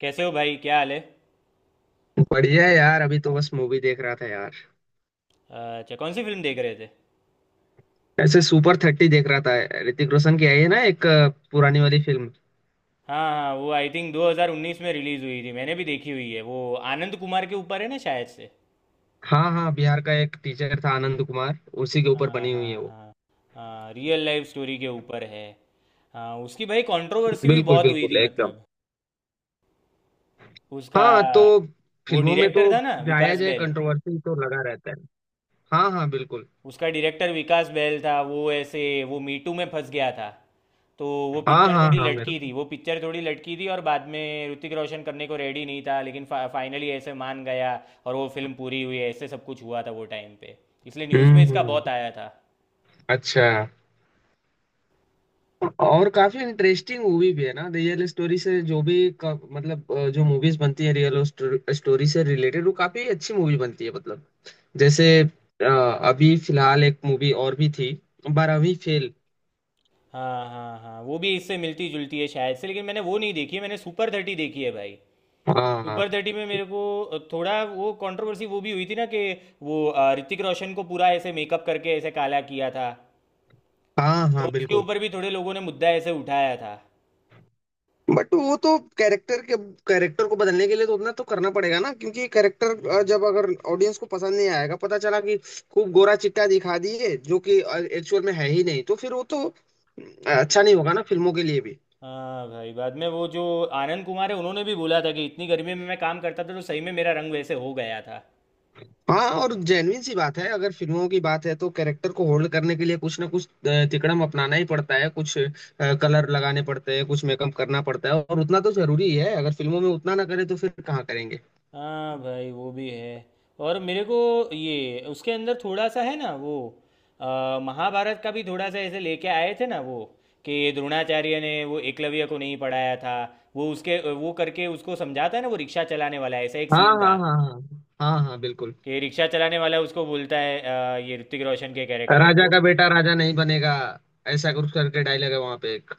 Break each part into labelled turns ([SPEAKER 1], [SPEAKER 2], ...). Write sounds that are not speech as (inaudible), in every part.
[SPEAKER 1] कैसे हो भाई? क्या हाल है?
[SPEAKER 2] बढ़िया है यार। अभी तो बस मूवी देख रहा था यार।
[SPEAKER 1] अच्छा, कौन सी फिल्म देख रहे थे?
[SPEAKER 2] ऐसे सुपर थर्टी देख रहा था। ऋतिक रोशन की आई है ना, एक पुरानी वाली फिल्म।
[SPEAKER 1] हाँ हाँ, वो आई थिंक 2019 में रिलीज़ हुई थी। मैंने भी देखी हुई है वो। आनंद कुमार के ऊपर है ना शायद से।
[SPEAKER 2] हाँ हाँ, बिहार का एक टीचर था आनंद कुमार। उसी के ऊपर
[SPEAKER 1] हाँ
[SPEAKER 2] बनी हुई है
[SPEAKER 1] हाँ
[SPEAKER 2] वो।
[SPEAKER 1] हाँ। हाँ, रियल लाइफ स्टोरी के ऊपर है। हाँ, उसकी भाई कंट्रोवर्सी भी
[SPEAKER 2] बिल्कुल
[SPEAKER 1] बहुत हुई
[SPEAKER 2] बिल्कुल
[SPEAKER 1] थी,
[SPEAKER 2] एकदम।
[SPEAKER 1] मतलब उसका।
[SPEAKER 2] हाँ तो
[SPEAKER 1] वो
[SPEAKER 2] फिल्मों में तो
[SPEAKER 1] डायरेक्टर था ना,
[SPEAKER 2] जाया
[SPEAKER 1] विकास
[SPEAKER 2] जाए,
[SPEAKER 1] बैल।
[SPEAKER 2] कंट्रोवर्सी तो लगा रहता है। हाँ हाँ बिल्कुल।
[SPEAKER 1] उसका डायरेक्टर विकास बैल था। वो ऐसे, वो मीटू में फंस गया था। तो वो
[SPEAKER 2] हाँ
[SPEAKER 1] पिक्चर
[SPEAKER 2] हाँ
[SPEAKER 1] थोड़ी
[SPEAKER 2] हाँ मेरे
[SPEAKER 1] लटकी
[SPEAKER 2] को।
[SPEAKER 1] थी, वो पिक्चर थोड़ी लटकी थी, और बाद में ऋतिक रोशन करने को रेडी नहीं था लेकिन फाइनली ऐसे मान गया। और वो फिल्म पूरी हुई, ऐसे सब कुछ हुआ था वो टाइम पे। इसलिए न्यूज़ में इसका
[SPEAKER 2] हम्म।
[SPEAKER 1] बहुत आया था।
[SPEAKER 2] अच्छा। और काफी इंटरेस्टिंग मूवी भी है ना, रियल स्टोरी से मतलब, जो मूवीज बनती है रियल स्टोरी से रिलेटेड वो काफी अच्छी मूवी बनती है मतलब। जैसे अभी फिलहाल एक मूवी और भी थी, बारहवीं फेल।
[SPEAKER 1] हाँ हाँ हाँ, वो भी इससे मिलती जुलती है शायद से, लेकिन मैंने वो नहीं देखी है। मैंने सुपर थर्टी देखी है भाई। सुपर
[SPEAKER 2] हाँ
[SPEAKER 1] थर्टी में मेरे को थोड़ा वो कंट्रोवर्सी वो भी हुई थी ना, कि वो ऋतिक रोशन को पूरा ऐसे मेकअप करके ऐसे काला किया था।
[SPEAKER 2] हाँ
[SPEAKER 1] तो
[SPEAKER 2] हाँ
[SPEAKER 1] उसके
[SPEAKER 2] बिल्कुल।
[SPEAKER 1] ऊपर भी थोड़े लोगों ने मुद्दा ऐसे उठाया था।
[SPEAKER 2] बट वो तो कैरेक्टर के कैरेक्टर को बदलने के लिए तो उतना तो करना पड़ेगा ना, क्योंकि कैरेक्टर
[SPEAKER 1] हम्म।
[SPEAKER 2] जब अगर ऑडियंस को पसंद नहीं आएगा, पता चला कि खूब गोरा चिट्टा दिखा दिए जो कि एक्चुअल में है ही नहीं, तो फिर वो तो अच्छा
[SPEAKER 1] हम्म।
[SPEAKER 2] नहीं होगा ना फिल्मों के लिए भी।
[SPEAKER 1] हाँ भाई, बाद में वो जो आनंद कुमार है उन्होंने भी बोला था कि इतनी गर्मी में मैं काम करता था तो सही में मेरा रंग वैसे हो गया था।
[SPEAKER 2] हाँ, और जेन्युइन सी बात है, अगर फिल्मों की बात है तो कैरेक्टर को होल्ड करने के लिए कुछ ना कुछ तिकड़म अपनाना ही पड़ता है, कुछ कलर लगाने पड़ते हैं, कुछ मेकअप करना पड़ता है, और उतना तो जरूरी ही है। अगर फिल्मों में उतना ना करें तो फिर कहाँ करेंगे।
[SPEAKER 1] हाँ भाई वो भी है। और मेरे को ये उसके अंदर थोड़ा सा है ना वो, अ, महाभारत का भी थोड़ा सा ऐसे लेके आए थे ना वो, कि द्रोणाचार्य ने वो एकलव्य को नहीं पढ़ाया था। वो उसके वो करके उसको समझाता है ना, वो रिक्शा चलाने वाला, ऐसा एक
[SPEAKER 2] हाँ
[SPEAKER 1] सीन
[SPEAKER 2] हाँ
[SPEAKER 1] था।
[SPEAKER 2] हाँ हाँ हाँ हाँ बिल्कुल।
[SPEAKER 1] कि रिक्शा चलाने वाला उसको बोलता है, ये ऋतिक रोशन के कैरेक्टर
[SPEAKER 2] राजा
[SPEAKER 1] को।
[SPEAKER 2] का बेटा राजा नहीं बनेगा, ऐसा कुछ करके डायलॉग है वहां पे एक।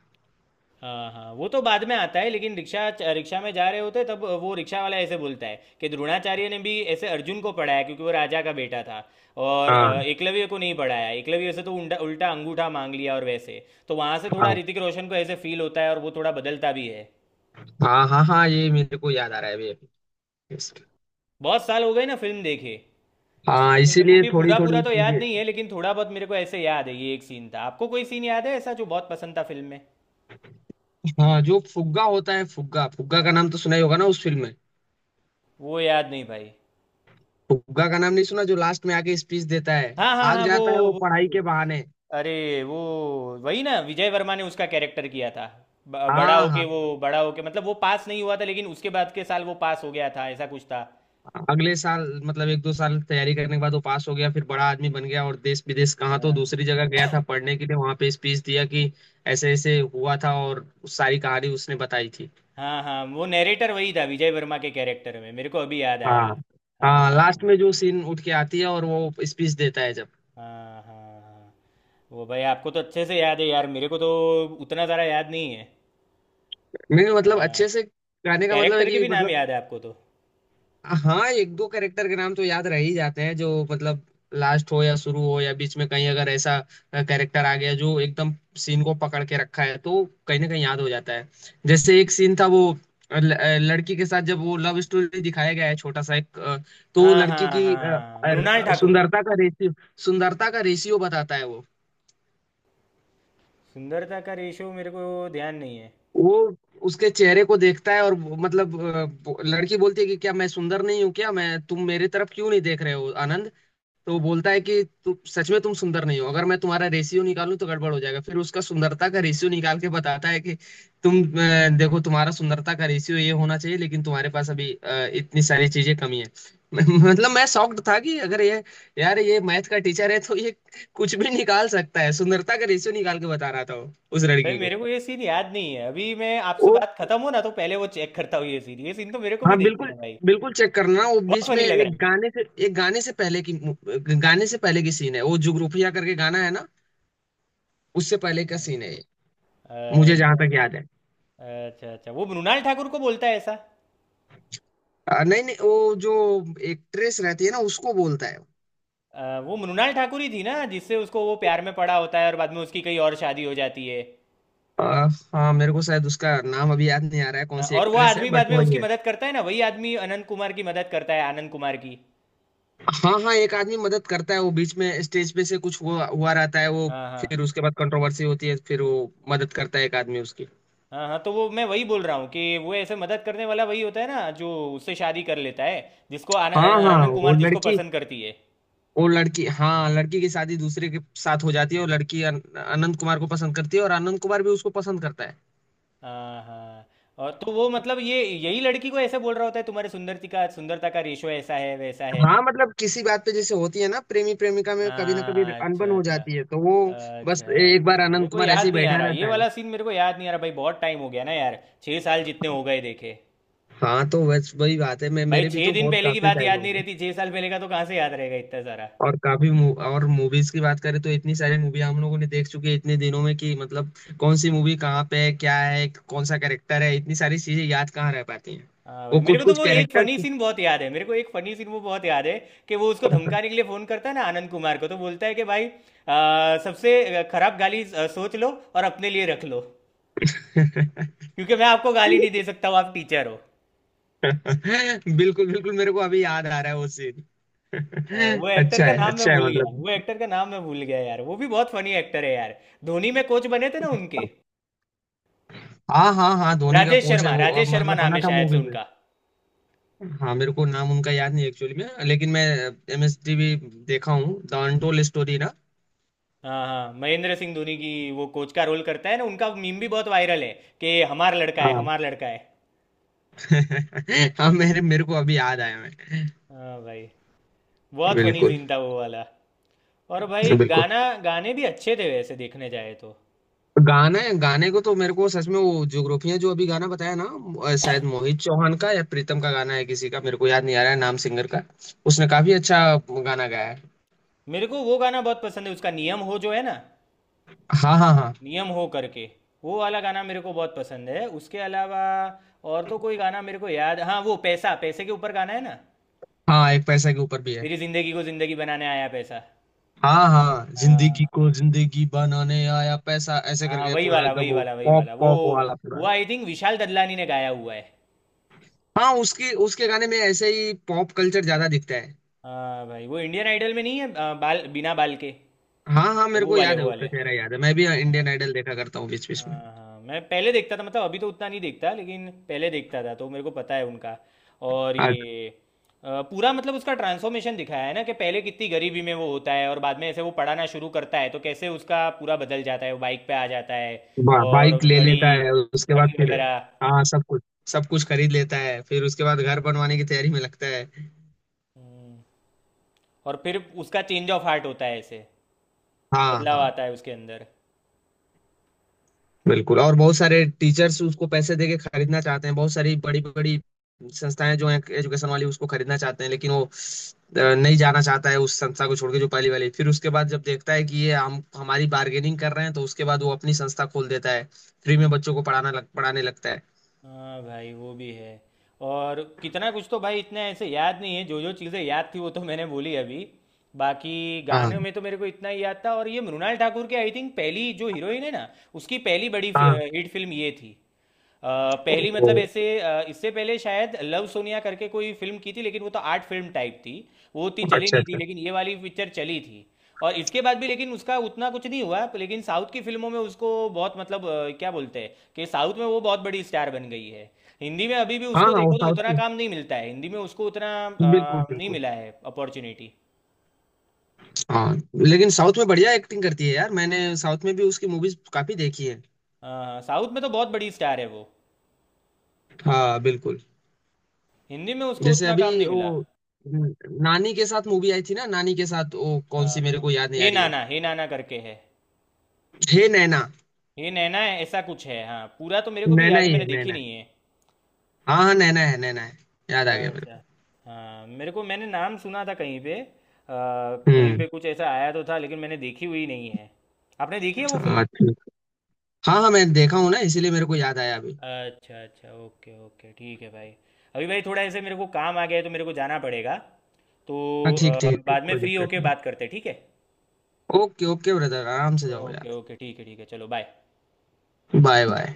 [SPEAKER 1] हाँ हाँ, वो तो बाद में आता है लेकिन रिक्शा, रिक्शा में जा रहे होते तब वो रिक्शा वाला ऐसे बोलता है कि द्रोणाचार्य ने भी ऐसे अर्जुन को पढ़ाया क्योंकि वो राजा का बेटा था। और
[SPEAKER 2] हाँ
[SPEAKER 1] एकलव्य को नहीं पढ़ाया, एकलव्य से तो उल्टा उल्टा अंगूठा मांग लिया और वैसे। तो वहाँ से थोड़ा
[SPEAKER 2] हाँ
[SPEAKER 1] ऋतिक रोशन को ऐसे फील होता है और वो थोड़ा बदलता भी है।
[SPEAKER 2] हाँ हाँ हाँ, ये मेरे को याद आ रहा है अभी अभी।
[SPEAKER 1] बहुत साल हो गए ना फिल्म देखे,
[SPEAKER 2] हाँ
[SPEAKER 1] इसलिए मेरे को
[SPEAKER 2] इसीलिए
[SPEAKER 1] भी
[SPEAKER 2] थोड़ी
[SPEAKER 1] पूरा पूरा
[SPEAKER 2] थोड़ी
[SPEAKER 1] तो याद
[SPEAKER 2] चीजें।
[SPEAKER 1] नहीं है, लेकिन थोड़ा बहुत मेरे को ऐसे याद है, ये एक सीन था। आपको कोई सीन याद है ऐसा जो बहुत पसंद था फिल्म में?
[SPEAKER 2] हाँ, जो फुग्गा होता है, फुग्गा फुग्गा का नाम तो सुना ही होगा ना उस फिल्म में।
[SPEAKER 1] वो याद नहीं भाई।
[SPEAKER 2] फुग्गा का नाम नहीं सुना, जो लास्ट में आके स्पीच देता है,
[SPEAKER 1] हाँ हाँ
[SPEAKER 2] भाग
[SPEAKER 1] हाँ, वो
[SPEAKER 2] जाता है वो
[SPEAKER 1] वो
[SPEAKER 2] पढ़ाई के बहाने।
[SPEAKER 1] अरे वो वही ना, विजय वर्मा ने उसका कैरेक्टर किया था। बड़ा
[SPEAKER 2] हाँ
[SPEAKER 1] होके,
[SPEAKER 2] हाँ
[SPEAKER 1] वो
[SPEAKER 2] हाँ।
[SPEAKER 1] बड़ा होके मतलब वो पास नहीं हुआ था लेकिन उसके बाद के साल वो पास हो गया था, ऐसा कुछ था।
[SPEAKER 2] अगले साल मतलब एक दो साल तैयारी करने के बाद वो पास हो गया, फिर बड़ा आदमी बन गया, और देश विदेश कहाँ तो
[SPEAKER 1] हाँ
[SPEAKER 2] दूसरी जगह गया था पढ़ने के लिए, वहां पे स्पीच दिया कि ऐसे ऐसे हुआ था, और उस सारी कहानी उसने बताई थी।
[SPEAKER 1] हाँ हाँ, वो नैरेटर वही था, विजय वर्मा के कैरेक्टर में, मेरे को अभी याद आया।
[SPEAKER 2] हाँ हाँ,
[SPEAKER 1] हाँ हाँ
[SPEAKER 2] लास्ट में जो सीन उठ के आती है और वो स्पीच देता है जब।
[SPEAKER 1] हाँ हाँ हाँ। वो भाई आपको तो अच्छे से याद है यार, मेरे को तो उतना ज़्यादा याद नहीं है।
[SPEAKER 2] नहीं मतलब
[SPEAKER 1] हाँ,
[SPEAKER 2] अच्छे से गाने का मतलब है
[SPEAKER 1] कैरेक्टर के
[SPEAKER 2] कि
[SPEAKER 1] भी नाम
[SPEAKER 2] मतलब।
[SPEAKER 1] याद है आपको तो।
[SPEAKER 2] हाँ, एक दो कैरेक्टर के नाम तो याद रह ही जाते हैं जो मतलब लास्ट हो या शुरू हो या बीच में कहीं, अगर ऐसा कैरेक्टर आ गया जो एकदम सीन को पकड़ के रखा है, तो कहीं ना कहीं याद हो जाता है। जैसे एक सीन था वो, लड़की के साथ जब वो लव स्टोरी दिखाया गया है, छोटा सा एक तो वो
[SPEAKER 1] हाँ
[SPEAKER 2] लड़की
[SPEAKER 1] हाँ
[SPEAKER 2] की
[SPEAKER 1] हाँ, मृणाल ठाकुर।
[SPEAKER 2] सुंदरता का रेशियो, सुंदरता का रेशियो बताता है वो।
[SPEAKER 1] सुंदरता का रेशो मेरे को ध्यान नहीं है।
[SPEAKER 2] वो उसके चेहरे को देखता है, और वो- मतलब अ, वो- लड़की बोलती है कि क्या मैं सुंदर नहीं हूँ, क्या मैं तुम मेरे तरफ क्यों नहीं देख रहे हो आनंद। तो वो बोलता है कि सच में तुम सुंदर नहीं हो, अगर मैं तुम्हारा रेशियो निकालूं तो गड़बड़ हो जाएगा। फिर उसका सुंदरता का रेशियो निकाल के बताता है कि तुम देखो, तुम्हारा सुंदरता का रेशियो ये होना चाहिए, लेकिन तुम्हारे पास अभी इतनी सारी चीजें कमी है। (laughs) मतलब मैं शॉक्ड था कि अगर ये, यार ये मैथ का टीचर है तो ये कुछ भी निकाल सकता है। सुंदरता का रेशियो निकाल के बता रहा था वो, उस
[SPEAKER 1] भाई
[SPEAKER 2] लड़की को।
[SPEAKER 1] मेरे को ये सीन याद नहीं है। अभी मैं आपसे
[SPEAKER 2] वो
[SPEAKER 1] बात खत्म हो ना तो पहले वो चेक करता हूँ, ये सीन, ये सीन तो मेरे को भी
[SPEAKER 2] हाँ
[SPEAKER 1] देखना
[SPEAKER 2] बिल्कुल।
[SPEAKER 1] है भाई।
[SPEAKER 2] बिल्कुल चेक करना, वो
[SPEAKER 1] बहुत
[SPEAKER 2] बीच में
[SPEAKER 1] फनी लग
[SPEAKER 2] एक
[SPEAKER 1] रहा
[SPEAKER 2] गाने से, एक गाने से पहले की, गाने से पहले की सीन है वो, जुगरूपिया करके गाना है ना, उससे पहले का सीन है
[SPEAKER 1] है।
[SPEAKER 2] मुझे जहां
[SPEAKER 1] अच्छा
[SPEAKER 2] तक याद है।
[SPEAKER 1] अच्छा। अच्छा वो मृणाल ठाकुर को बोलता है ऐसा?
[SPEAKER 2] नहीं नहीं, वो जो एक्ट्रेस रहती है ना उसको बोलता है।
[SPEAKER 1] वो मृणाल ठाकुर ही थी ना जिससे उसको वो प्यार में पड़ा होता है, और बाद में उसकी कई और शादी हो जाती है?
[SPEAKER 2] अ, हाँ मेरे को शायद उसका नाम अभी याद नहीं आ रहा है, कौन
[SPEAKER 1] हाँ,
[SPEAKER 2] सी
[SPEAKER 1] और वो
[SPEAKER 2] एक्ट्रेस है,
[SPEAKER 1] आदमी
[SPEAKER 2] बट
[SPEAKER 1] बाद में
[SPEAKER 2] वही
[SPEAKER 1] उसकी
[SPEAKER 2] है।
[SPEAKER 1] मदद करता है ना, वही आदमी अनंत कुमार की मदद करता है, आनंद कुमार की।
[SPEAKER 2] हाँ हाँ एक आदमी मदद करता है, वो बीच में स्टेज पे से कुछ हुआ हुआ रहता है वो,
[SPEAKER 1] हाँ
[SPEAKER 2] फिर
[SPEAKER 1] हाँ
[SPEAKER 2] उसके बाद कंट्रोवर्सी होती है, फिर वो मदद करता है एक आदमी उसकी।
[SPEAKER 1] हाँ हाँ, तो वो मैं वही बोल रहा हूँ कि वो ऐसे मदद करने वाला वही होता है ना जो उससे शादी कर लेता है, जिसको
[SPEAKER 2] हाँ हाँ
[SPEAKER 1] आनंद
[SPEAKER 2] वो
[SPEAKER 1] कुमार जिसको
[SPEAKER 2] लड़की,
[SPEAKER 1] पसंद करती है।
[SPEAKER 2] वो लड़की, हाँ लड़की की शादी दूसरे के साथ हो जाती है, और लड़की अनंत कुमार को पसंद करती है, और अनंत कुमार भी उसको पसंद करता है।
[SPEAKER 1] हाँ हाँ, और तो वो मतलब ये यही लड़की को ऐसे बोल रहा होता है, तुम्हारे सुंदरती का, सुंदरता का रेशो ऐसा है वैसा है।
[SPEAKER 2] हाँ मतलब किसी बात पे जैसे होती है ना प्रेमी प्रेमिका में कभी ना कभी
[SPEAKER 1] हाँ
[SPEAKER 2] अनबन
[SPEAKER 1] अच्छा
[SPEAKER 2] हो
[SPEAKER 1] अच्छा।
[SPEAKER 2] जाती है, तो वो बस
[SPEAKER 1] अच्छा,
[SPEAKER 2] एक बार
[SPEAKER 1] मेरे
[SPEAKER 2] आनंद
[SPEAKER 1] को
[SPEAKER 2] कुमार ऐसे
[SPEAKER 1] याद
[SPEAKER 2] ही
[SPEAKER 1] नहीं आ रहा
[SPEAKER 2] बैठा
[SPEAKER 1] ये
[SPEAKER 2] रहता है।
[SPEAKER 1] वाला सीन, मेरे को याद नहीं आ रहा भाई, बहुत टाइम हो गया ना यार, 6 साल जितने हो गए देखे।
[SPEAKER 2] हाँ तो बस वही बात है, मैं
[SPEAKER 1] भाई
[SPEAKER 2] मेरे भी
[SPEAKER 1] छः
[SPEAKER 2] तो
[SPEAKER 1] दिन
[SPEAKER 2] बहुत
[SPEAKER 1] पहले की
[SPEAKER 2] काफी
[SPEAKER 1] बात
[SPEAKER 2] टाइम
[SPEAKER 1] याद
[SPEAKER 2] हो
[SPEAKER 1] नहीं
[SPEAKER 2] गया।
[SPEAKER 1] रहती, 6 साल पहले का तो कहाँ से याद रहेगा इतना सारा।
[SPEAKER 2] और और मूवीज की बात करें तो इतनी सारी मूवी हम लोगों ने देख चुकी है इतने दिनों में कि मतलब कौन सी मूवी कहाँ पे है, क्या है, कौन सा कैरेक्टर है, इतनी सारी चीजें याद कहाँ रह पाती हैं।
[SPEAKER 1] हाँ भाई,
[SPEAKER 2] वो
[SPEAKER 1] मेरे
[SPEAKER 2] कुछ
[SPEAKER 1] को तो
[SPEAKER 2] कुछ
[SPEAKER 1] वो एक
[SPEAKER 2] कैरेक्टर।
[SPEAKER 1] फनी सीन बहुत याद है, मेरे को एक फनी सीन वो बहुत याद है। कि वो उसको
[SPEAKER 2] कौन सा?
[SPEAKER 1] धमकाने के लिए फोन करता है ना आनंद कुमार को, तो बोलता है कि भाई, सबसे खराब गाली सोच लो और अपने लिए रख लो,
[SPEAKER 2] (laughs)
[SPEAKER 1] क्योंकि मैं आपको गाली नहीं दे सकता हूँ, आप टीचर हो।
[SPEAKER 2] बिल्कुल बिल्कुल, मेरे को अभी याद आ रहा है वो सीन। (laughs)
[SPEAKER 1] वो एक्टर का नाम मैं
[SPEAKER 2] अच्छा है
[SPEAKER 1] भूल गया,
[SPEAKER 2] मतलब।
[SPEAKER 1] वो एक्टर का नाम मैं भूल गया यार, वो भी बहुत फनी एक्टर है यार। धोनी में कोच बने थे ना उनके।
[SPEAKER 2] हाँ हाँ हाँ, धोनी का
[SPEAKER 1] राजेश
[SPEAKER 2] कोच है
[SPEAKER 1] शर्मा,
[SPEAKER 2] वो, अब
[SPEAKER 1] राजेश शर्मा
[SPEAKER 2] मतलब
[SPEAKER 1] नाम
[SPEAKER 2] बना
[SPEAKER 1] है
[SPEAKER 2] था
[SPEAKER 1] शायद से
[SPEAKER 2] मूवी में।
[SPEAKER 1] उनका।
[SPEAKER 2] हाँ मेरे को नाम उनका याद नहीं एक्चुअली में, लेकिन मैं एमएसटीवी देखा हूँ द अनटोल्ड स्टोरी ना।
[SPEAKER 1] हाँ हाँ, महेंद्र सिंह धोनी की। वो कोच का रोल करता है ना उनका, मीम भी बहुत वायरल है कि हमारा लड़का है,
[SPEAKER 2] हाँ।
[SPEAKER 1] हमारा लड़का है।
[SPEAKER 2] (laughs) हाँ, मेरे मेरे को अभी याद आया मैं।
[SPEAKER 1] हाँ भाई, बहुत फनी
[SPEAKER 2] बिल्कुल।
[SPEAKER 1] सीन था वो वाला। और भाई
[SPEAKER 2] बिल्कुल।
[SPEAKER 1] गाना गाने भी अच्छे थे वैसे देखने जाए तो।
[SPEAKER 2] गाना गाने को तो मेरे को सच में वो जोग्राफिया जो अभी गाना बताया ना, शायद मोहित चौहान का या प्रीतम का गाना है किसी का, मेरे को याद नहीं आ रहा है नाम सिंगर का। उसने काफी अच्छा गाना गाया है।
[SPEAKER 1] मेरे को वो गाना बहुत पसंद है उसका, नियम हो जो है ना,
[SPEAKER 2] हाँ हाँ हाँ।
[SPEAKER 1] नियम हो करके, वो वाला गाना मेरे को बहुत पसंद है। उसके अलावा और तो कोई गाना मेरे को याद। हाँ, वो पैसा, पैसे के ऊपर गाना है ना,
[SPEAKER 2] हाँ एक पैसा के ऊपर भी है।
[SPEAKER 1] तेरी जिंदगी को जिंदगी बनाने आया पैसा।
[SPEAKER 2] हाँ हाँ,
[SPEAKER 1] हाँ
[SPEAKER 2] जिंदगी को जिंदगी बनाने आया पैसा, ऐसे
[SPEAKER 1] हाँ,
[SPEAKER 2] करके
[SPEAKER 1] वही
[SPEAKER 2] पूरा
[SPEAKER 1] वाला
[SPEAKER 2] एकदम
[SPEAKER 1] वही
[SPEAKER 2] वो
[SPEAKER 1] वाला वही
[SPEAKER 2] पॉप
[SPEAKER 1] वाला वो
[SPEAKER 2] पॉप वाला पूरा।
[SPEAKER 1] वो आई थिंक विशाल ददलानी ने गाया हुआ है।
[SPEAKER 2] हाँ, उसकी उसके गाने में ऐसे ही पॉप कल्चर ज्यादा दिखता है।
[SPEAKER 1] हाँ भाई, वो इंडियन आइडल में नहीं है, बाल बिना बाल के,
[SPEAKER 2] हाँ हाँ, मेरे
[SPEAKER 1] वो
[SPEAKER 2] को
[SPEAKER 1] वाले
[SPEAKER 2] याद
[SPEAKER 1] वो
[SPEAKER 2] है, उसका
[SPEAKER 1] वाले।
[SPEAKER 2] चेहरा याद है, मैं भी
[SPEAKER 1] हाँ
[SPEAKER 2] इंडियन आइडल देखा करता हूँ बीच बीच में।
[SPEAKER 1] हाँ हाँ, मैं पहले देखता था मतलब, अभी तो उतना नहीं देखता लेकिन पहले देखता था तो मेरे को पता है उनका। और
[SPEAKER 2] हाँ,
[SPEAKER 1] ये पूरा, मतलब उसका ट्रांसफॉर्मेशन दिखाया है ना, कि पहले कितनी गरीबी में वो होता है और बाद में ऐसे वो पढ़ाना शुरू करता है तो कैसे उसका पूरा बदल जाता है, वो बाइक पे आ जाता है, और
[SPEAKER 2] बाइक ले
[SPEAKER 1] घड़ी,
[SPEAKER 2] लेता है उसके बाद,
[SPEAKER 1] घड़ी
[SPEAKER 2] फिर
[SPEAKER 1] वगैरह।
[SPEAKER 2] हाँ सब कुछ, सब कुछ खरीद लेता है, फिर उसके बाद घर बनवाने की तैयारी में लगता है।
[SPEAKER 1] हम्म। और फिर उसका चेंज ऑफ हार्ट होता है ऐसे,
[SPEAKER 2] हाँ
[SPEAKER 1] बदलाव
[SPEAKER 2] हाँ
[SPEAKER 1] आता है उसके अंदर।
[SPEAKER 2] बिल्कुल, और बहुत सारे टीचर्स उसको पैसे देके खरीदना चाहते हैं, बहुत सारी बड़ी बड़ी संस्थाएं जो हैं एजुकेशन वाली उसको खरीदना चाहते हैं, लेकिन वो नहीं जाना चाहता है उस संस्था को छोड़ के जो पहली वाली। फिर उसके बाद जब देखता है कि ये हम हमारी बार्गेनिंग कर रहे हैं, तो उसके बाद वो अपनी संस्था खोल देता है, फ्री में बच्चों को पढ़ाने लगता है।
[SPEAKER 1] हाँ भाई वो भी है। और कितना कुछ, तो भाई इतना ऐसे याद नहीं है, जो जो चीज़ें याद थी वो तो मैंने बोली अभी। बाकी
[SPEAKER 2] हाँ
[SPEAKER 1] गाने में तो मेरे को इतना ही याद था। और ये मृणाल ठाकुर की आई थिंक पहली जो हीरोइन है ना, उसकी पहली बड़ी
[SPEAKER 2] हाँ।
[SPEAKER 1] हिट फिल्म ये थी। अ, पहली
[SPEAKER 2] ओ,
[SPEAKER 1] मतलब ऐसे, इससे पहले शायद लव सोनिया करके कोई फिल्म की थी, लेकिन वो तो आर्ट फिल्म टाइप थी। वो उतनी चली
[SPEAKER 2] अच्छा
[SPEAKER 1] नहीं थी,
[SPEAKER 2] अच्छा।
[SPEAKER 1] लेकिन ये वाली पिक्चर चली थी। और इसके बाद भी लेकिन उसका उतना कुछ नहीं हुआ, लेकिन साउथ की फिल्मों में उसको बहुत, मतलब क्या बोलते हैं, कि साउथ में वो बहुत बड़ी स्टार बन गई है। हिंदी में अभी भी
[SPEAKER 2] हाँ
[SPEAKER 1] उसको
[SPEAKER 2] हाँ वो
[SPEAKER 1] देखो तो
[SPEAKER 2] साउथ
[SPEAKER 1] उतना
[SPEAKER 2] की।
[SPEAKER 1] काम नहीं मिलता है, हिंदी में उसको उतना
[SPEAKER 2] बिल्कुल
[SPEAKER 1] नहीं
[SPEAKER 2] बिल्कुल।
[SPEAKER 1] मिला है अपॉर्चुनिटी।
[SPEAKER 2] हाँ लेकिन साउथ में बढ़िया एक्टिंग करती है यार, मैंने साउथ में भी उसकी मूवीज काफी देखी है।
[SPEAKER 1] साउथ में तो बहुत बड़ी स्टार है वो,
[SPEAKER 2] हाँ बिल्कुल।
[SPEAKER 1] हिंदी में उसको
[SPEAKER 2] जैसे
[SPEAKER 1] उतना
[SPEAKER 2] अभी
[SPEAKER 1] काम नहीं मिला।
[SPEAKER 2] वो न- नानी के साथ मूवी आई थी ना, नानी के साथ, वो
[SPEAKER 1] अ,
[SPEAKER 2] कौन सी मेरे को याद नहीं आ
[SPEAKER 1] हे
[SPEAKER 2] रही है।
[SPEAKER 1] नाना, हे नाना करके है,
[SPEAKER 2] हे नैना।
[SPEAKER 1] हे नैना है, ऐसा कुछ है, हाँ। पूरा तो मेरे को भी
[SPEAKER 2] नैना
[SPEAKER 1] याद, ही
[SPEAKER 2] ही
[SPEAKER 1] मैंने
[SPEAKER 2] है,
[SPEAKER 1] देखी
[SPEAKER 2] नैना है।
[SPEAKER 1] नहीं है।
[SPEAKER 2] हाँ हाँ नैना है नैना है, याद आ गया मेरे
[SPEAKER 1] अच्छा, हाँ मेरे को, मैंने नाम सुना था कहीं पे,
[SPEAKER 2] को।
[SPEAKER 1] कहीं
[SPEAKER 2] हम्म।
[SPEAKER 1] पे कुछ ऐसा आया तो था, लेकिन मैंने देखी हुई नहीं है। आपने देखी है वो फिल्म?
[SPEAKER 2] हाँ ठीक। हाँ हाँ मैं देखा हूँ ना, इसीलिए मेरे को याद आया अभी।
[SPEAKER 1] अच्छा अच्छा, ओके ओके, ठीक है भाई। अभी भाई थोड़ा ऐसे मेरे को काम आ गया है तो मेरे को जाना पड़ेगा। तो
[SPEAKER 2] हाँ ठीक ठीक ठीक,
[SPEAKER 1] बाद में
[SPEAKER 2] कोई
[SPEAKER 1] फ्री
[SPEAKER 2] दिक्कत
[SPEAKER 1] होके
[SPEAKER 2] नहीं।
[SPEAKER 1] बात करते हैं, ठीक है?
[SPEAKER 2] ओके ओके ब्रदर, आराम से जाओ यार।
[SPEAKER 1] ओके ओके, ठीक है ठीक है, चलो बाय।
[SPEAKER 2] Bye bye.